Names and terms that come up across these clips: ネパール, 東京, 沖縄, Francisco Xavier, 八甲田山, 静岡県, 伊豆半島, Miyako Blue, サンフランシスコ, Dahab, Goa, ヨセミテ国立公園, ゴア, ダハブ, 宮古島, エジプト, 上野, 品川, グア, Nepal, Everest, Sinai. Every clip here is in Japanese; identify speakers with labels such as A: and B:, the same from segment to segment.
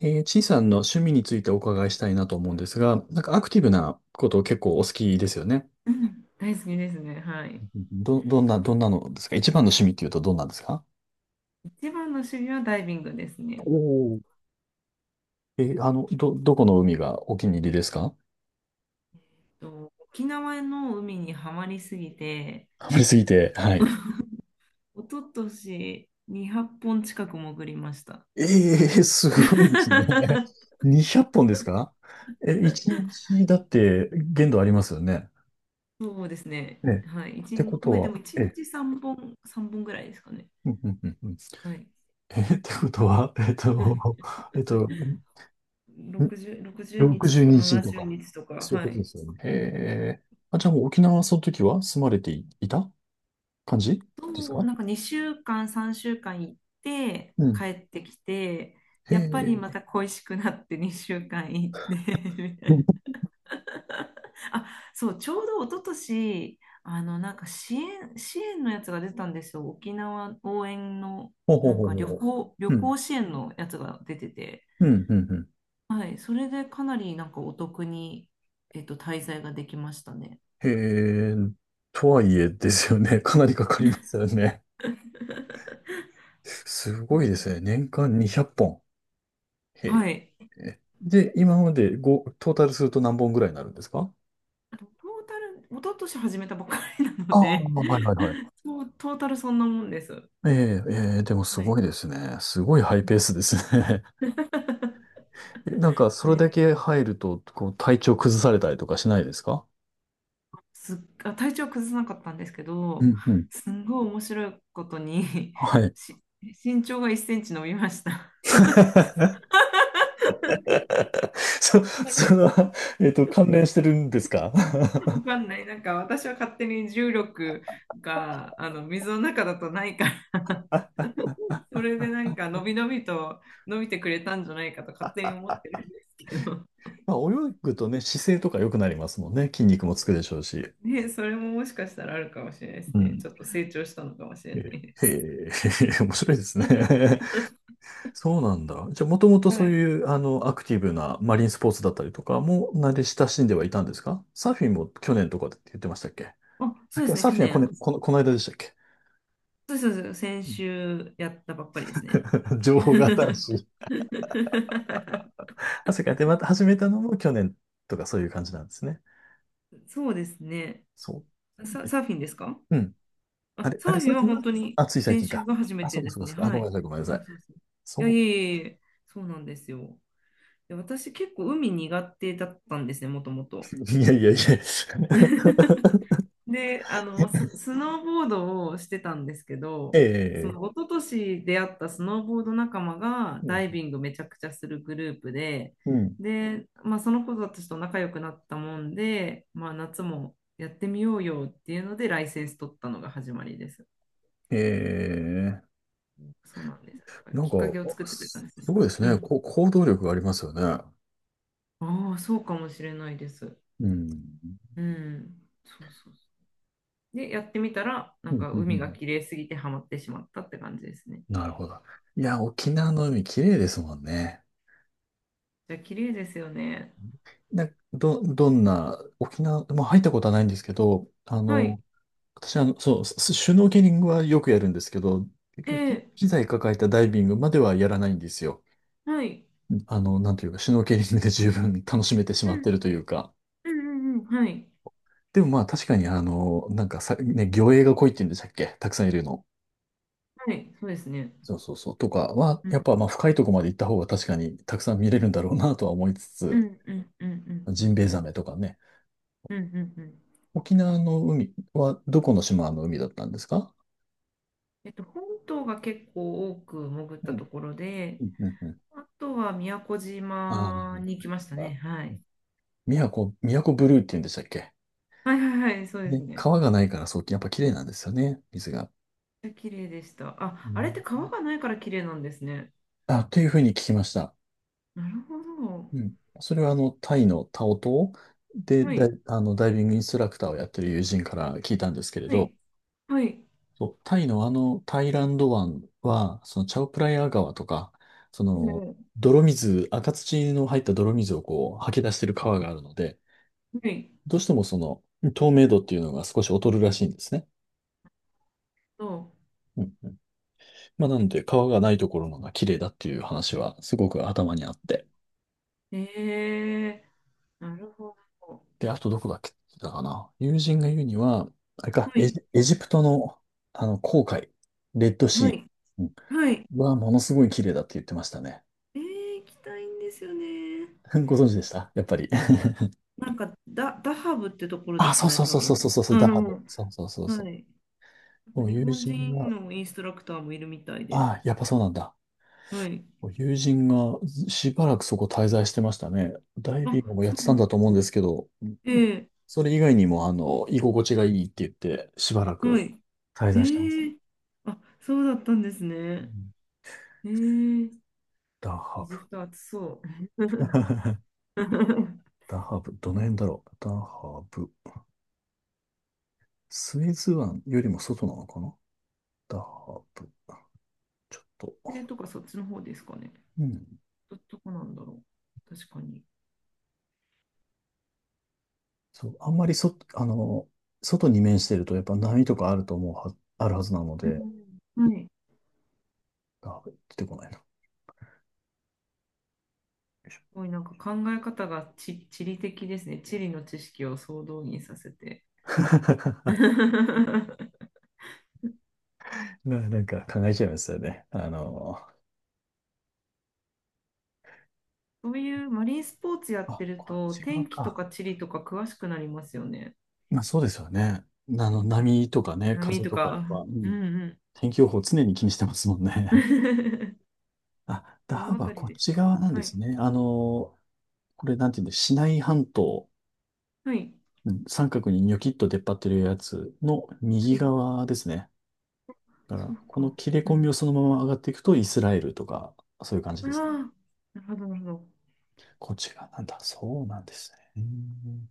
A: ちいさんの趣味についてお伺いしたいなと思うんですが、なんかアクティブなことを結構お好きですよね。
B: うん、大好きですね。はい。
A: どんなのですか？一番の趣味っていうとどんなんですか？
B: 一番の趣味はダイビングです
A: お
B: ね。
A: おー。どこの海がお気に入りですか？
B: と沖縄の海にはまりすぎて、
A: ハマりすぎて。はい。
B: 一昨年200本近く潜りました。
A: ええ、すごいですね。200本ですか？え、1日だって限度ありますよね。
B: そうですね。
A: ええ、っ
B: はい。一
A: てこ
B: 日、
A: と
B: まあ、で
A: は、
B: も1
A: ええ、
B: 日3本、3本ぐらいですかね。
A: うんうんうんうん。
B: はい。
A: え、ってことは、えっと、
B: 60日と
A: 62
B: か
A: 日と
B: 70
A: か、
B: 日とか、
A: そういう
B: は
A: ことで
B: い。
A: すよね。へえ。あ、じゃあもう沖縄はその時は住まれていいた感じです
B: そう、
A: か？
B: なんか2週間、3週間行って
A: う
B: 帰
A: ん。
B: ってきて、
A: へ
B: やっぱり
A: え。
B: また恋しくなって2週間行って みたいな。あ、そう、ちょうど一昨年、なんか支援のやつが出たんですよ。沖縄応援の、
A: ほうほ
B: な
A: う
B: ん
A: ほう
B: か
A: ほうほ
B: 旅
A: う。うん。
B: 行支援のやつが出てて。
A: うん、うん、うん。
B: はい、それでかなりなんかお得に、滞在ができましたね。
A: へえ。とはいえですよね。かなりかかりますよね。す
B: う
A: ごいで
B: ん。
A: すね。年間200本。へ
B: はい。
A: え。で、今までごトータルすると何本ぐらいになるんですか？
B: トータル、一昨年始めたばっかりなの
A: ああ、
B: で、
A: はいはいはい。
B: そうトータルそんなもんです。
A: ええ、ええ、でもす
B: はい。
A: ごいですね。すごいハイペースですね。え、なんか、それだけ入ると、こう、体調崩されたりとかしないですか？
B: すっあ、体調崩さなかったんですけ
A: う
B: ど、
A: んうん。
B: すんごい面白いことに
A: はい。
B: し身長が1センチ伸びました。
A: そ、その、関連してるんですか？
B: わ かんない。なんか私は勝手に重力があの水の中だとないから、それでなんか伸び伸びと伸びてくれたんじゃないかと勝手に思ってるんですけど。
A: まあ、泳ぐとね、姿勢とか良くなりますもんね。筋肉もつくでしょうし。
B: ね、それももしかしたらあるかもしれないです
A: う
B: ね。
A: ん。
B: ちょっと成長したのかもしれない
A: え
B: です。
A: へえ、面白いですね。そうなんだ。じゃあ、もともと
B: は
A: そう
B: い。
A: いう、アクティブなマリンスポーツだったりとかも、慣れ親しんではいたんですか？サーフィンも去年とかって言ってましたっけ？
B: あ、そ
A: あ、
B: うですね、
A: サー
B: 去
A: フィンは
B: 年。
A: この間でしたっけ？
B: そうそうそう、先週やったばっかりですね。
A: 情報が新しい。あ、それか。で、また始めたのも去年とかそういう感じなんですね。
B: そうですね。
A: そう。え
B: サーフィンですか？
A: うん。あ
B: あ、
A: れ、
B: サ
A: あれ、
B: ーフィ
A: さ
B: ン
A: っ
B: は
A: きの、
B: 本当に
A: あ、つい最
B: 先
A: 近
B: 週
A: か。
B: が初め
A: あ、そ
B: て
A: うか、
B: で
A: そ
B: す
A: うか、そ
B: ね。
A: うか。あ、
B: は
A: ごめ
B: い。
A: んなさい、ごめんな
B: そ
A: さ
B: う
A: い。
B: そうそう。いや、い
A: そ
B: えいえいえ、そうなんですよ。で、私結構海苦手だったんですね、もともと。
A: う。いやいやいや。
B: で、スノーボードをしてたんですけど、そ
A: ええ、
B: の一昨年出会ったスノーボード仲間が
A: う
B: ダ
A: ん。
B: イビングめちゃくちゃするグループで、
A: うん、
B: まあ、その子たちと仲良くなったもんで、まあ、夏もやってみようよっていうので、ライセンス取ったのが始まりです。
A: ええ、
B: そうなんです。だから
A: なん
B: きっ
A: か、
B: かけを作ってくれたんですね。
A: すごいです
B: う
A: ね。
B: ん。
A: こう、行動力がありますよね。
B: ああ、そうかもしれないです。
A: うん。
B: うん。そうそうそう。で、やってみたら、な
A: う
B: ん
A: んうん
B: か
A: う
B: 海が
A: ん、
B: 綺麗すぎてハマってしまったって感じですね。
A: なるほど。いや、沖縄の海綺麗ですもんね。
B: じゃあ、綺麗ですよね。
A: な、ど、どんな、沖縄、まあ入ったことはないんですけど、
B: はい。
A: 私はスシュノーケリングはよくやるんですけど、結局
B: ええ。
A: 機材抱えたダイビングまではやらないんですよ。
B: はい。
A: なんというか、シュノーケリングで十分楽しめてし
B: う
A: まって
B: ん、
A: るというか。
B: うん、うん、うん。はい。
A: でもまあ確かになんかさ、ね、魚影が濃いって言うんでしたっけ？たくさんいるの。
B: はい。そうですね。
A: そうそうそう。とかは、
B: う
A: や
B: ん、
A: っぱまあ深いとこまで行った方が確かにたくさん見れるんだろうなとは思いつ
B: う
A: つ、
B: ん、うん、うん、うん、う
A: ジン
B: ん、
A: ベエ
B: う
A: ザ
B: ん、
A: メとかね。
B: うん、うん、うん。
A: 沖縄の海はどこの島の海だったんですか？
B: 本島が結構多く潜っ
A: う
B: た
A: ん。
B: ところで、
A: うんうんうん。
B: あとは宮古
A: あ
B: 島
A: ー、
B: に行きましたね。
A: あ、
B: はい。
A: 宮古ブルーって言うんでしたっけ？
B: はいはいはい、そうです
A: で、
B: ね。
A: 川がないからそう、やっぱ綺麗なんですよね、水が。
B: 綺麗でした。
A: う
B: あ、あれって
A: ん。
B: 川がないから綺麗なんですね。
A: あ、というふうに聞きました。
B: なるほど。
A: うん。それはタイのタオ島で、
B: は
A: だ
B: い、
A: い、あの、ダイビングインストラクターをやってる友人から聞いたんですけれ
B: は
A: ど、
B: い、はい。
A: そう、タイのタイランド湾は、そのチャオプライア川とか、その、
B: ええ。
A: 泥水、赤土の入った泥水をこう、吐き出してる川があるので、
B: はい。
A: どうしてもその透明度っていうのが少し劣るらしいんですね。
B: そう。
A: うんうん。まあ、なので、川がないところのが綺麗だっていう話はすごく頭にあって。
B: ええ。なるほど。
A: で、あとどこだっけだかな。友人が言うには、あれか、
B: はい、
A: エジプトのあの紅海、レッド
B: は
A: シ
B: い、
A: ー、う
B: はい。
A: ん、はものすごい綺麗だって言ってましたね。
B: ええ、行きたいんですよね。
A: ご存知でしたやっぱり？
B: なんか、ダハブってところで
A: あ、
B: す
A: そ
B: か
A: う
B: ね、
A: そう
B: 多
A: そうそう
B: 分。
A: そうそう、
B: う
A: ダハ
B: ん、
A: ブ。そうそうそう
B: は
A: そ
B: い。なん
A: う。
B: か
A: もう
B: 日
A: 友
B: 本
A: 人
B: 人
A: が、
B: のインストラクターもいるみたいで。
A: ああ、やっぱそうなんだ。
B: はい。
A: 友人がしばらくそこ滞在してましたね。ダイビング
B: あ、
A: もやっ
B: そ
A: て
B: うな
A: たん
B: ん
A: だ
B: だ。
A: と思うんですけど、
B: ええ。
A: それ以外にも、居心地がいいって言って、しばら
B: は
A: く
B: い。
A: 滞在してます。
B: ええ。あ、そうだったんです
A: う
B: ね。
A: ん、
B: ええ。
A: ダー
B: エ
A: ハブ。
B: ジプト暑そう。
A: ダーハブ。どの辺だろう。ダーハブ。スエズ湾よりも外なのかな？ダーハブ。ちょっと。
B: ええ、とか、そっちの方ですかね。
A: うん。
B: どこなんだろう。確かに。
A: そう。あんまりそ、あの、外に面してると、やっぱ波とかあると思うは、あるはずなので、
B: うん、はい。
A: ダーハブ出てこないな。
B: すごいなんか考え方が地理的ですね。地理の知識を総動員させて。
A: なんか考えちゃいますよね。
B: そういうマリンスポーツやって
A: あ、
B: る
A: こっ
B: と、
A: ち側
B: 天気と
A: か。
B: か地理とか詳しくなりますよね。
A: まあそうですよね。波とかね、
B: 波
A: 風
B: と
A: とかやっ
B: か。
A: ぱ、う
B: うん
A: ん、
B: うん。
A: 天気予報常に気にしてますもんね。あ、ダ
B: ど
A: ハ
B: のあた
A: バ
B: り
A: こっ
B: でし
A: ち
B: た？
A: 側なん
B: は
A: で
B: い。
A: すね。これなんていうんだ、シナイ半島、
B: はい。
A: うん、三角にニョキッと出っ張ってるやつの
B: は
A: 右
B: い。
A: 側ですね。だか
B: そう
A: ら、この
B: か。
A: 切れ
B: う
A: 込
B: ん。
A: みをそのまま上がっていくとイスラエルとか、そういう感じ
B: あ
A: ですね。
B: あ、なるほど、なるほど。
A: こっち側なんだ。そうなんですね。うん、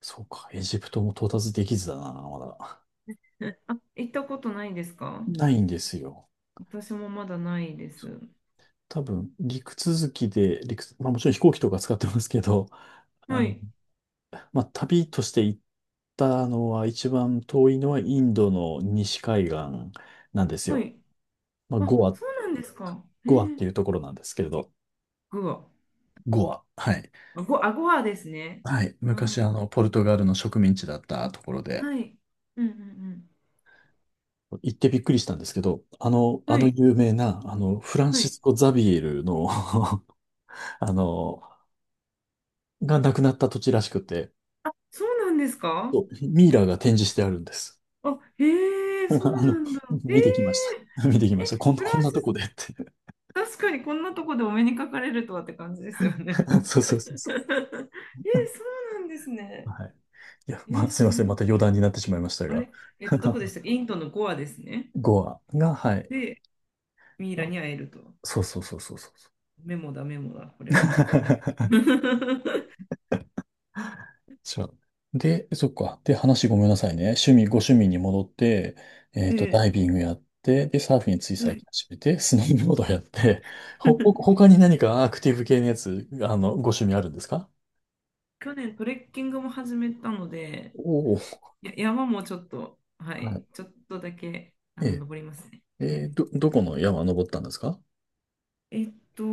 A: そうか、エジプトも到達できずだな、まだ。
B: あ、行ったことないですか？
A: ないんですよ。
B: 私もまだないで
A: そう、
B: す。
A: 多分、陸続きで、陸、まあもちろん飛行機とか使ってますけど、あ
B: は
A: の、
B: い。
A: まあ旅として行ったのは一番遠いのはインドの西海岸なんです
B: は
A: よ。
B: い。
A: まあ
B: あ、そうなんですか。
A: ゴアっていうところなんですけれど、
B: グア。
A: ゴア。はい。
B: あごはですね。
A: はい。
B: あ、
A: 昔ポルトガルの植民地だったところで、
B: はい。うんうん
A: 行ってびっくりしたんですけど、
B: うん。
A: あ
B: は
A: の
B: い。
A: 有名な、フラン
B: は
A: シ
B: い。
A: スコ・ザビエルの あの、が亡くなった土地らしくて、
B: そうなんですか？
A: そう、ミイラが展示してあるんです。
B: あ、へ え、そう
A: あの、
B: なんだ。え
A: 見てきました。見てき
B: え、
A: まし
B: え、
A: た。
B: フ
A: こ
B: ラン
A: ん
B: シ
A: なとこ
B: ス、
A: でって。
B: 確かにこんなとこでお目にかかれるとはって感じですよね。
A: そうそうそう そ
B: え、そうなんです
A: う。
B: ね。
A: はい。いや、ま
B: え、
A: あ、すい
B: 知
A: ま
B: ら
A: せん。ま
B: な
A: た
B: かっ
A: 余
B: た。
A: 談になってしまいました
B: あ
A: が。
B: れ、どこで したっけ？インドのゴアですね。
A: ゴアが、はい。
B: で、ミイラに会えると。
A: そうそうそうそうそうそ
B: メモだ、メモだ。これはちょっとメモ。
A: う。そう。で、そっか。で、話ごめんなさいね。趣味、ご趣味に戻って、
B: え
A: ダイ
B: え、
A: ビングやって、で、サーフィンつい
B: は
A: 最
B: い。
A: 近始めて、スノーボードやって、他に何かアクティブ系のやつ、ご趣味あるんですか？
B: 去年トレッキングも始めたので、
A: おおー。
B: 山もちょっと、は
A: は
B: い、
A: い。
B: ちょっとだけ、
A: ええ。
B: 登りますね。はい。
A: どこの山登ったんですか？
B: えっと、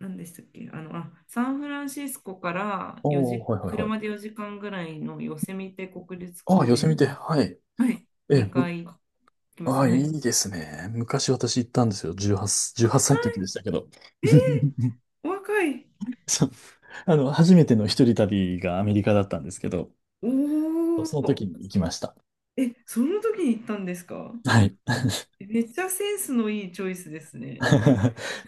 B: 何でしたっけ？あ、サンフランシスコから4
A: お
B: 時、
A: ー、はいはいはい。
B: 車で4時間ぐらいのヨセミテ国立
A: ああ、
B: 公
A: 寄せ
B: 園
A: みて、
B: に、
A: はい。
B: はい、
A: えー、
B: 2
A: む、
B: 回来まし
A: あ
B: た。
A: あ、
B: は
A: い
B: い。
A: いですね。昔私行ったんですよ。18歳の時でしたけど。
B: お若い。
A: そう。初めての一人旅がアメリカだったんですけど、
B: お
A: その
B: お。
A: 時に行きました。
B: え、その時に行ったんですか？
A: はい。
B: めっちゃセンスのいいチョイスですね。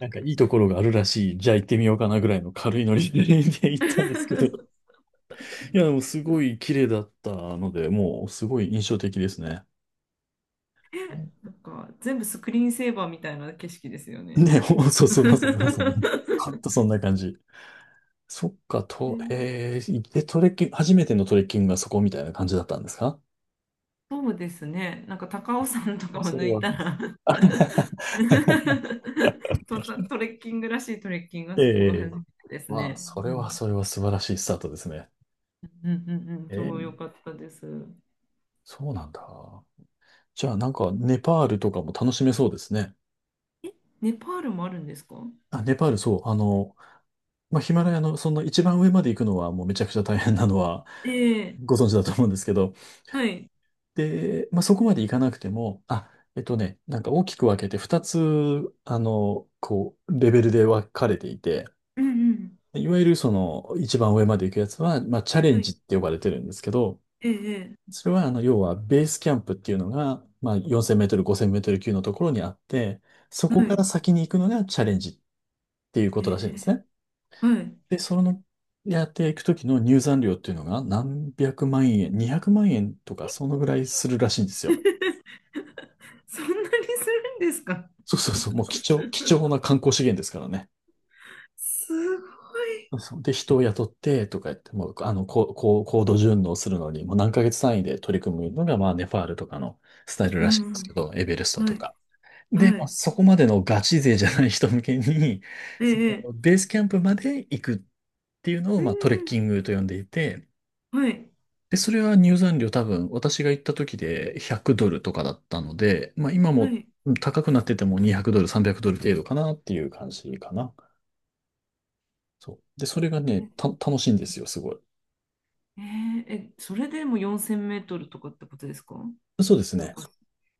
A: なんか いいところがあるらしい。じゃあ行ってみようかなぐらいの軽いノリで 行ったんですけど。いや、でもすごい綺麗だったので、もうすごい印象的ですね。
B: なんか全部スクリーンセーバーみたいな景色ですよね。
A: ね、そうそう、まさにまさに。ほん とそんな感じ。そっか、と、えー、で、トレッキング、初めてのトレッキングがそこみたいな感じだったんですか？
B: そうですね。なんか高尾山とか
A: も
B: を
A: うそれ
B: 抜い
A: は。
B: たら
A: あ、
B: トレッキングらしいトレッキングが
A: え
B: そこが初
A: え、
B: めてです
A: まあ、
B: ね。
A: そ
B: う
A: れ
B: ん、
A: はそれは素晴らしいスタートですね。
B: うん、うん、うん、
A: え
B: 超良
A: え、
B: かったです。
A: そうなんだ。じゃあ、なんか、ネパールとかも楽しめそうですね。
B: え、ネパールもあるんですか？
A: あ、ネパール、そう、まあ、ヒマラヤの、そんな一番上まで行くのは、もうめちゃくちゃ大変なのは、
B: ええ、
A: ご存知だと思うんですけど、
B: はい。
A: で、まあ、そこまでいかなくても、あ、なんか大きく分けて2つ、こう、レベルで分かれていて、
B: うん、うん、
A: いわゆるその一番上まで行くやつは、まあ、チャレ
B: は
A: ン
B: い。
A: ジって呼ばれてるんですけど、
B: ええ。
A: それは要はベースキャンプっていうのが、まあ、4000メートル、5000メートル級のところにあって、そ
B: は
A: こか
B: い。
A: ら先に行くのがチャレンジっていうこ
B: え
A: とらしいんです
B: え。
A: ね。
B: はい。
A: で、やっていくときの入山料っていうのが何百万円、200万円とか、そのぐらいするらしいんですよ。
B: そんなにするんですか？
A: そうそうそう、もう貴重な観光資源ですからね。
B: すごい。
A: そうそう、で、人を雇ってとか言って、もう、高度順応するのに、もう何ヶ月単位で取り組むのが、まあ、ネパールとかのスタイル
B: う
A: らしいんで
B: ん。
A: すけど、エベレスト
B: は
A: と
B: い。
A: か。で、
B: は
A: まあ、
B: い。
A: そこまでのガチ勢じゃない人向けに、
B: え
A: そ
B: え。
A: のベースキャンプまで行くっていうのを、
B: う
A: まあ、トレッ
B: ん
A: キングと呼んでいて、
B: うん。はい。
A: で、それは入山料多分、私が行った時で100ドルとかだったので、まあ、今
B: は
A: も、
B: い。
A: うん、高くなってても200ドル、300ドル程度かなっていう感じかな。そう。で、それがね、
B: え
A: 楽しいんですよ、すごい。
B: ええ、それでも4000メートルとかってことですか？
A: そうですね。
B: 高さ。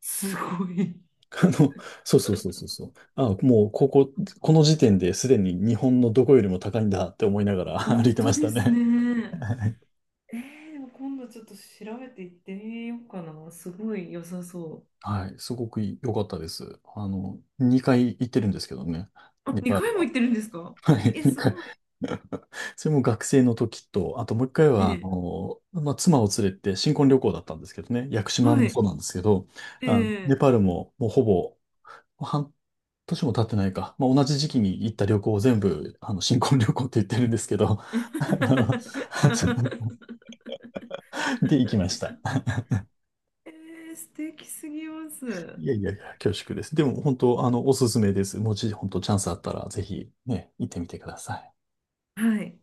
B: すごい。
A: あの、そうそうそうそうそう。あ、もう、この時点ですでに日本のどこよりも高いんだって思いながら 歩い
B: 本
A: てま
B: 当
A: し
B: で
A: た
B: す
A: ね。
B: ね。
A: はい、
B: ええ、でも今度ちょっと調べて行ってみようかな。すごい良さそ
A: はい、すごく良かったです。2回行ってるんですけどね、
B: う。あ、
A: ネパー
B: 2
A: ル
B: 回も
A: は。
B: 行ってるんですか？
A: はい、
B: え、す
A: 2回。
B: ごい。
A: それも学生の時と、あともう一回
B: え
A: は、
B: え。
A: まあ、妻を連れて新婚旅行だったんですけどね、屋久島
B: は
A: も
B: い。
A: そうなんですけど、
B: え
A: ネパ
B: え。
A: ールももうほぼ半年も経ってないか。まあ、同じ時期に行った旅行を全部、新婚旅行って言ってるんですけど、あの で、行きました。
B: ええ、素敵すぎます。
A: いやいやいや、恐縮です。でも、本当、おすすめです。もし、本当、チャンスあったら、ぜひ、ね、行ってみてください。
B: はい。